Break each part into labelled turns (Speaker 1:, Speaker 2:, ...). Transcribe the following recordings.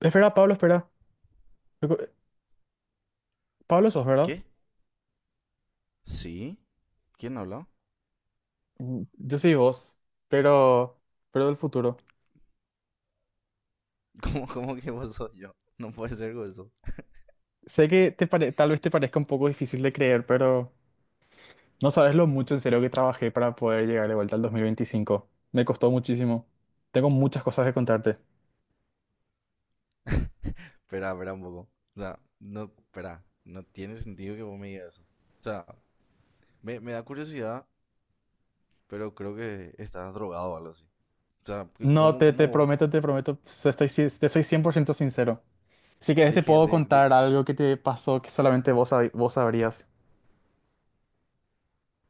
Speaker 1: Espera, Pablo, espera. Recu- Pablo sos, ¿verdad?
Speaker 2: ¿Qué? ¿Sí? ¿Quién habló?
Speaker 1: Yo soy vos, pero, pero del futuro.
Speaker 2: ¿Cómo, cómo que vos sos yo? No puede ser eso.
Speaker 1: Sé que tal vez te parezca un poco difícil de creer, pero no sabes lo mucho en serio que trabajé para poder llegar de vuelta al 2025. Me costó muchísimo. Tengo muchas cosas que contarte.
Speaker 2: Espera, espera un poco. O sea, no, espera, no tiene sentido que vos me digas eso. O sea, me da curiosidad, pero creo que estás drogado o algo así. O sea, que
Speaker 1: No,
Speaker 2: ¿cómo,
Speaker 1: te,
Speaker 2: cómo
Speaker 1: te
Speaker 2: vos?
Speaker 1: prometo, estoy, te soy
Speaker 2: y-
Speaker 1: 100% sincero. Si querés
Speaker 2: ¿De
Speaker 1: te
Speaker 2: qué?
Speaker 1: puedo contar algo que te pasó que solamente vos sabrías.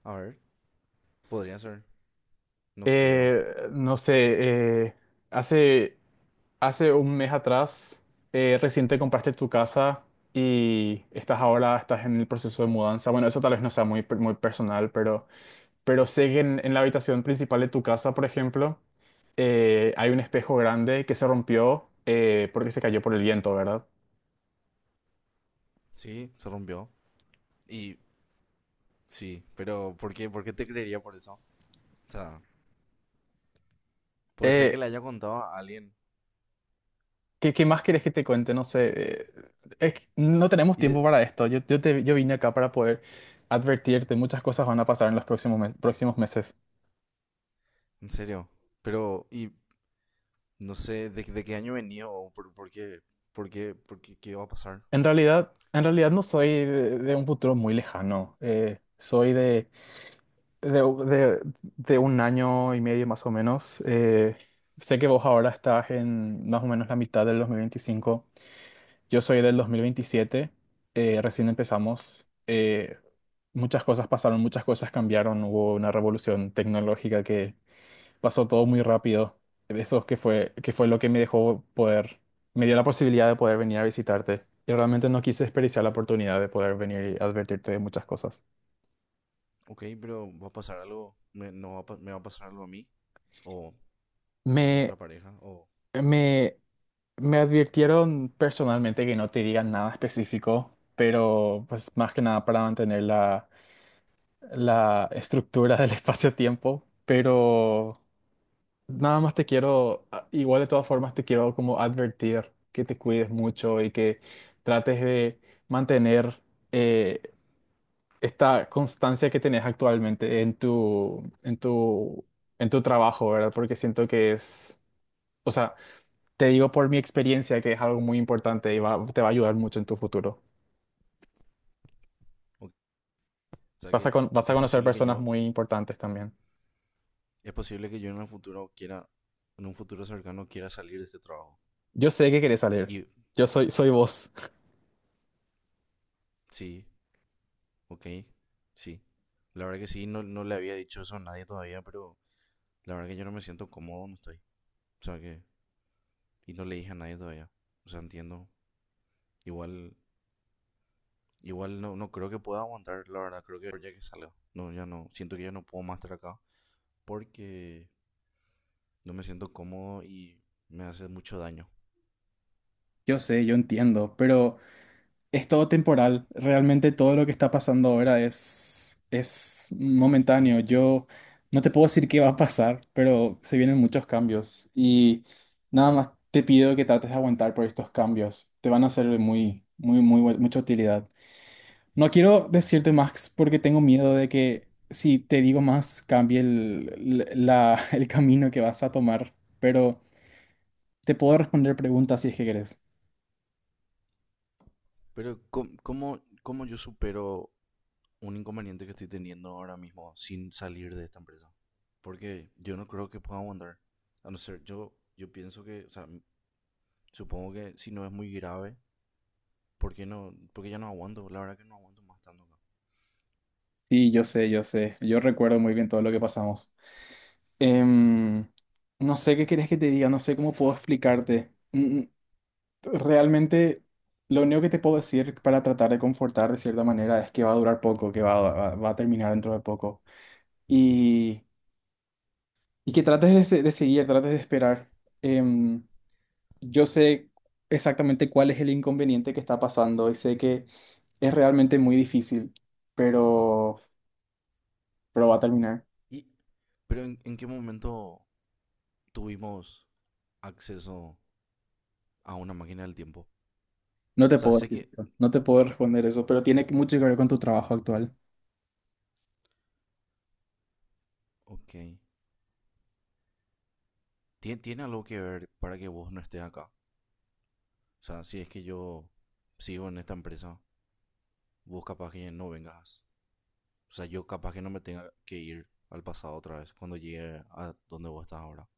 Speaker 2: A ver, podría ser. No creo.
Speaker 1: No sé. Eh, hace Hace un mes atrás, recién te compraste tu casa y estás ahora, estás en el proceso de mudanza. Bueno, eso tal vez no sea muy personal, pero sé que en la habitación principal de tu casa, por ejemplo, hay un espejo grande que se rompió, porque se cayó por el viento, ¿verdad?
Speaker 2: Sí, se rompió. Y sí, pero por qué te creería por eso? O sea, puede ser que
Speaker 1: Eh,
Speaker 2: le haya contado a alguien.
Speaker 1: qué más querés que te cuente? No sé. eh, es que no tenemos
Speaker 2: Y
Speaker 1: tiempo
Speaker 2: de...
Speaker 1: para esto. Yo vine acá para poder advertirte. Muchas cosas van a pasar en los próximos meses.
Speaker 2: En serio. Pero, no sé de, qué año venía o por, por qué, qué va a pasar.
Speaker 1: En realidad, no soy de un futuro muy lejano. Soy de, de- de un año y medio más o menos. Sé que vos ahora estás en más o menos la mitad del 2025. Yo soy del 2027. Recién empezamos. Muchas cosas pasaron, muchas cosas cambiaron. Hubo una revolución tecnológica que pasó todo muy rápido. Eso que fue lo que me dejó poder, me dio la posibilidad de poder venir a visitarte. Y realmente no quise desperdiciar la oportunidad de poder venir y advertirte de muchas cosas.
Speaker 2: Ok, pero va a pasar algo, me, no va a pa- me va a pasar algo a mí o a
Speaker 1: Me,
Speaker 2: nuestra pareja o qué.
Speaker 1: me, me advirtieron personalmente que no te digan nada específico, pero pues más que nada para mantener la estructura del espacio-tiempo. Pero nada más te quiero, igual de todas formas te quiero como advertir que te cuides mucho y que trates de mantener, eh, esta constancia que tenés actualmente en tu trabajo, ¿verdad? Porque siento que o sea, te digo por mi experiencia que es algo muy importante y te va a ayudar mucho en tu futuro.
Speaker 2: O sea que
Speaker 1: Vas a
Speaker 2: es
Speaker 1: conocer
Speaker 2: posible que
Speaker 1: personas
Speaker 2: yo,
Speaker 1: muy importantes también.
Speaker 2: es posible que yo en el futuro quiera, en un futuro cercano quiera salir de este trabajo.
Speaker 1: Yo sé que querés salir.
Speaker 2: Y
Speaker 1: Yo soy vos.
Speaker 2: sí, ok, sí. La verdad que sí, no, no le había dicho eso a nadie todavía, pero la verdad que yo no me siento cómodo donde estoy. O sea que, y no le dije a nadie todavía. O sea, entiendo. Igual Igual no, no creo que pueda aguantar, la verdad, creo que ya que salga. No, ya no, siento que ya no puedo más estar acá porque no me siento cómodo y me hace mucho daño.
Speaker 1: Yo sé, yo entiendo, pero... Es todo temporal. Realmente todo lo que está pasando ahora es momentáneo. Yo no te puedo decir qué va a pasar, pero se vienen muchos cambios. Y nada más te pido que trates de aguantar por estos cambios. Te van a hacer de muy, muy, muy, mucha utilidad. No quiero decirte más porque tengo miedo de que si te digo más cambie el camino que vas a tomar. Pero te puedo responder preguntas si es que querés.
Speaker 2: Pero ¿cómo, cómo yo supero un inconveniente que estoy teniendo ahora mismo sin salir de esta empresa? Porque yo no creo que pueda aguantar. A no ser, yo pienso que, o sea, supongo que si no es muy grave, ¿por qué no? Porque ya no aguanto, la verdad que no aguanto más estando acá.
Speaker 1: Sí, yo sé, yo sé. Yo recuerdo muy bien todo lo que pasamos. Em, no sé qué querés que te diga, no sé cómo puedo explicarte. Realmente lo único que te puedo decir para tratar de confortar de cierta manera es que va a durar poco, que va a terminar dentro de poco. Y, y que trates de seguir, trates de esperar. Em, yo sé exactamente cuál es el inconveniente que está pasando y sé que es realmente muy difícil, pero, pero va a terminar.
Speaker 2: Y, pero en qué momento tuvimos acceso a una máquina del tiempo? O
Speaker 1: No te
Speaker 2: sea,
Speaker 1: puedo
Speaker 2: sé
Speaker 1: decir
Speaker 2: que...
Speaker 1: eso, no te puedo responder eso, pero tiene mucho que ver con tu trabajo actual.
Speaker 2: Ok. Tiene algo que ver para que vos no estés acá. O sea, si es que yo sigo en esta empresa, vos capaz que no vengas. O sea, yo capaz que no me tenga que ir al pasado otra vez cuando llegue a donde vos estás ahora.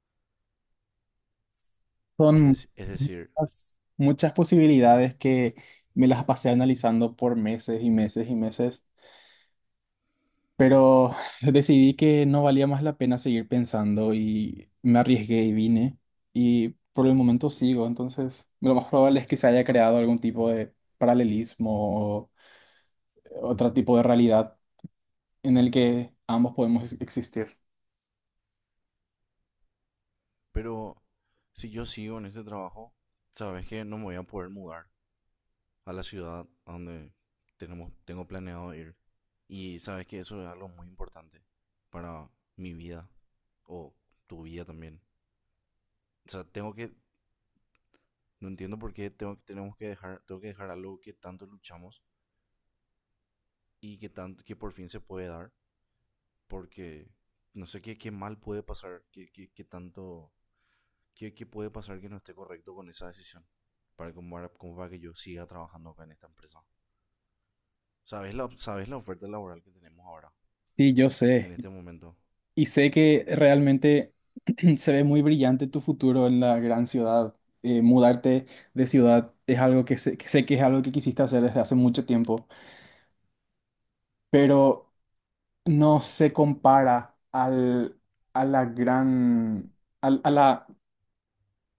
Speaker 2: Es,
Speaker 1: Son
Speaker 2: es decir,
Speaker 1: muchas, muchas posibilidades que me las pasé analizando por meses y meses y meses, pero decidí que no valía más la pena seguir pensando y me arriesgué y vine y por el momento sigo, entonces lo más probable es que se haya creado algún tipo de paralelismo o otro tipo de realidad en el que ambos podemos existir.
Speaker 2: pero si yo sigo en este trabajo, sabes que no me voy a poder mudar a la ciudad a donde tengo planeado ir. Y sabes que eso es algo muy importante para mi vida o tu vida también. O sea, tengo que, no entiendo por qué tengo, tenemos que dejar, tengo que dejar algo que tanto luchamos y que, tanto, que por fin se puede dar, porque no sé qué, qué mal puede pasar, qué puede pasar que no esté correcto con esa decisión, para que, como, como para que yo siga trabajando acá en esta empresa. Sabes la oferta laboral que tenemos ahora,
Speaker 1: Sí, yo
Speaker 2: en
Speaker 1: sé.
Speaker 2: este momento?
Speaker 1: Y sé que realmente se ve muy brillante tu futuro en la gran ciudad. Mudarte de ciudad es algo que sé que es algo que quisiste hacer desde hace mucho tiempo, pero no se compara al, a la gran, al- a la,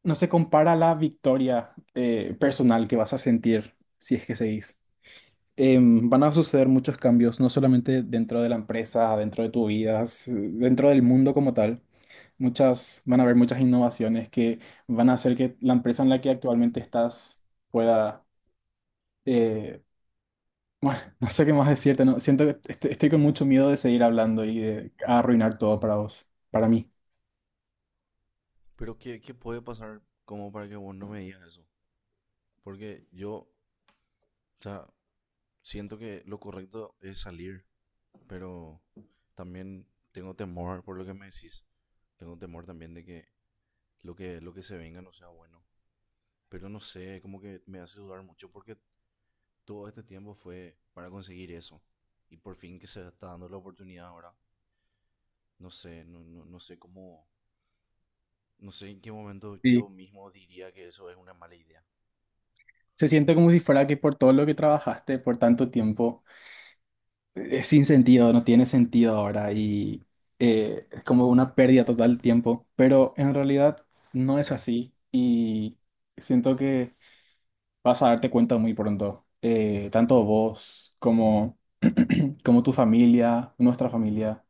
Speaker 1: no se compara a la victoria, personal que vas a sentir si es que seguís. Van a suceder muchos cambios, no solamente dentro de la empresa, dentro de tu vida, dentro del mundo como tal. Van a haber muchas innovaciones que van a hacer que la empresa en la que actualmente estás pueda, eh, bueno, no sé qué más decirte, no, siento que estoy con mucho miedo de seguir hablando y de arruinar todo para vos, para mí.
Speaker 2: Pero ¿qué, qué puede pasar como para que vos no me digas eso? Porque yo, o sea, siento que lo correcto es salir, pero también tengo temor por lo que me decís. Tengo temor también de que lo que, lo que se venga no sea bueno. Pero no sé, como que me hace dudar mucho porque todo este tiempo fue para conseguir eso. Y por fin que se está dando la oportunidad ahora. No sé, no sé cómo, no sé en qué momento
Speaker 1: Sí.
Speaker 2: yo mismo diría que eso es una mala idea.
Speaker 1: Se siente como si fuera que por todo lo que trabajaste por tanto tiempo, es sin sentido, no tiene sentido ahora y, es como una pérdida total de tiempo, pero en realidad no es así y siento que vas a darte cuenta muy pronto. Tanto vos como, tu familia, nuestra familia,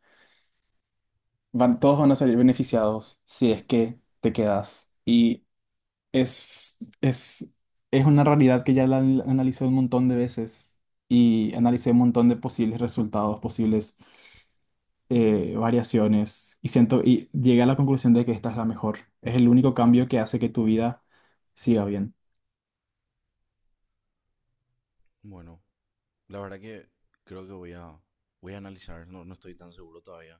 Speaker 1: van, todos van a salir beneficiados si es que te quedas. Y es, es, es una realidad que ya la analicé un montón de veces y analicé un montón de posibles resultados, posibles, variaciones y siento y llegué a la conclusión de que esta es la mejor. Es el único cambio que hace que tu vida siga bien.
Speaker 2: Bueno, la verdad que creo que voy a, voy a analizar, no, no estoy tan seguro todavía,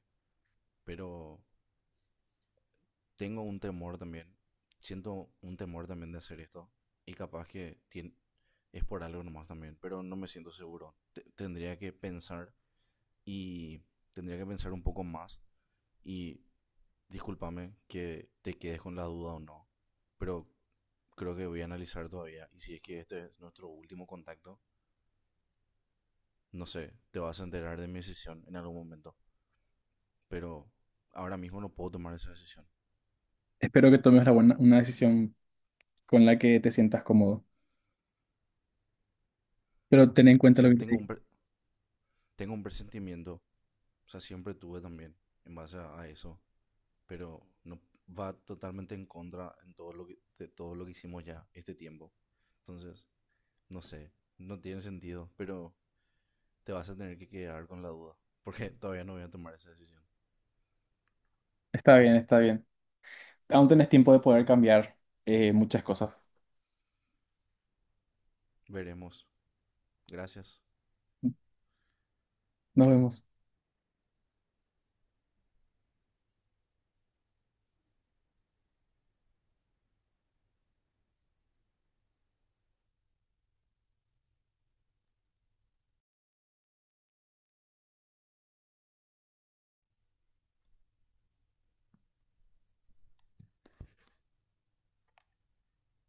Speaker 2: pero tengo un temor también, siento un temor también de hacer esto y capaz que es por algo nomás también, pero no me siento seguro. Tendría que pensar y tendría que pensar un poco más y discúlpame que te quedes con la duda o no, pero creo que voy a analizar todavía y si es que este es nuestro último contacto, no sé, te vas a enterar de mi decisión en algún momento, pero ahora mismo no puedo tomar esa decisión.
Speaker 1: Espero que tomes la buena, una decisión con la que te sientas cómodo. Pero ten en cuenta lo
Speaker 2: Sí,
Speaker 1: que te
Speaker 2: tengo,
Speaker 1: digo.
Speaker 2: tengo un presentimiento, o sea, siempre tuve también en base a eso, pero no va totalmente en contra en todo lo que, de todo lo que hicimos ya este tiempo. Entonces, no sé, no tiene sentido, pero te vas a tener que quedar con la duda, porque todavía no voy a tomar esa decisión.
Speaker 1: Está bien, está bien. Aún tenés tiempo de poder cambiar, muchas cosas.
Speaker 2: Veremos. Gracias.
Speaker 1: Nos vemos.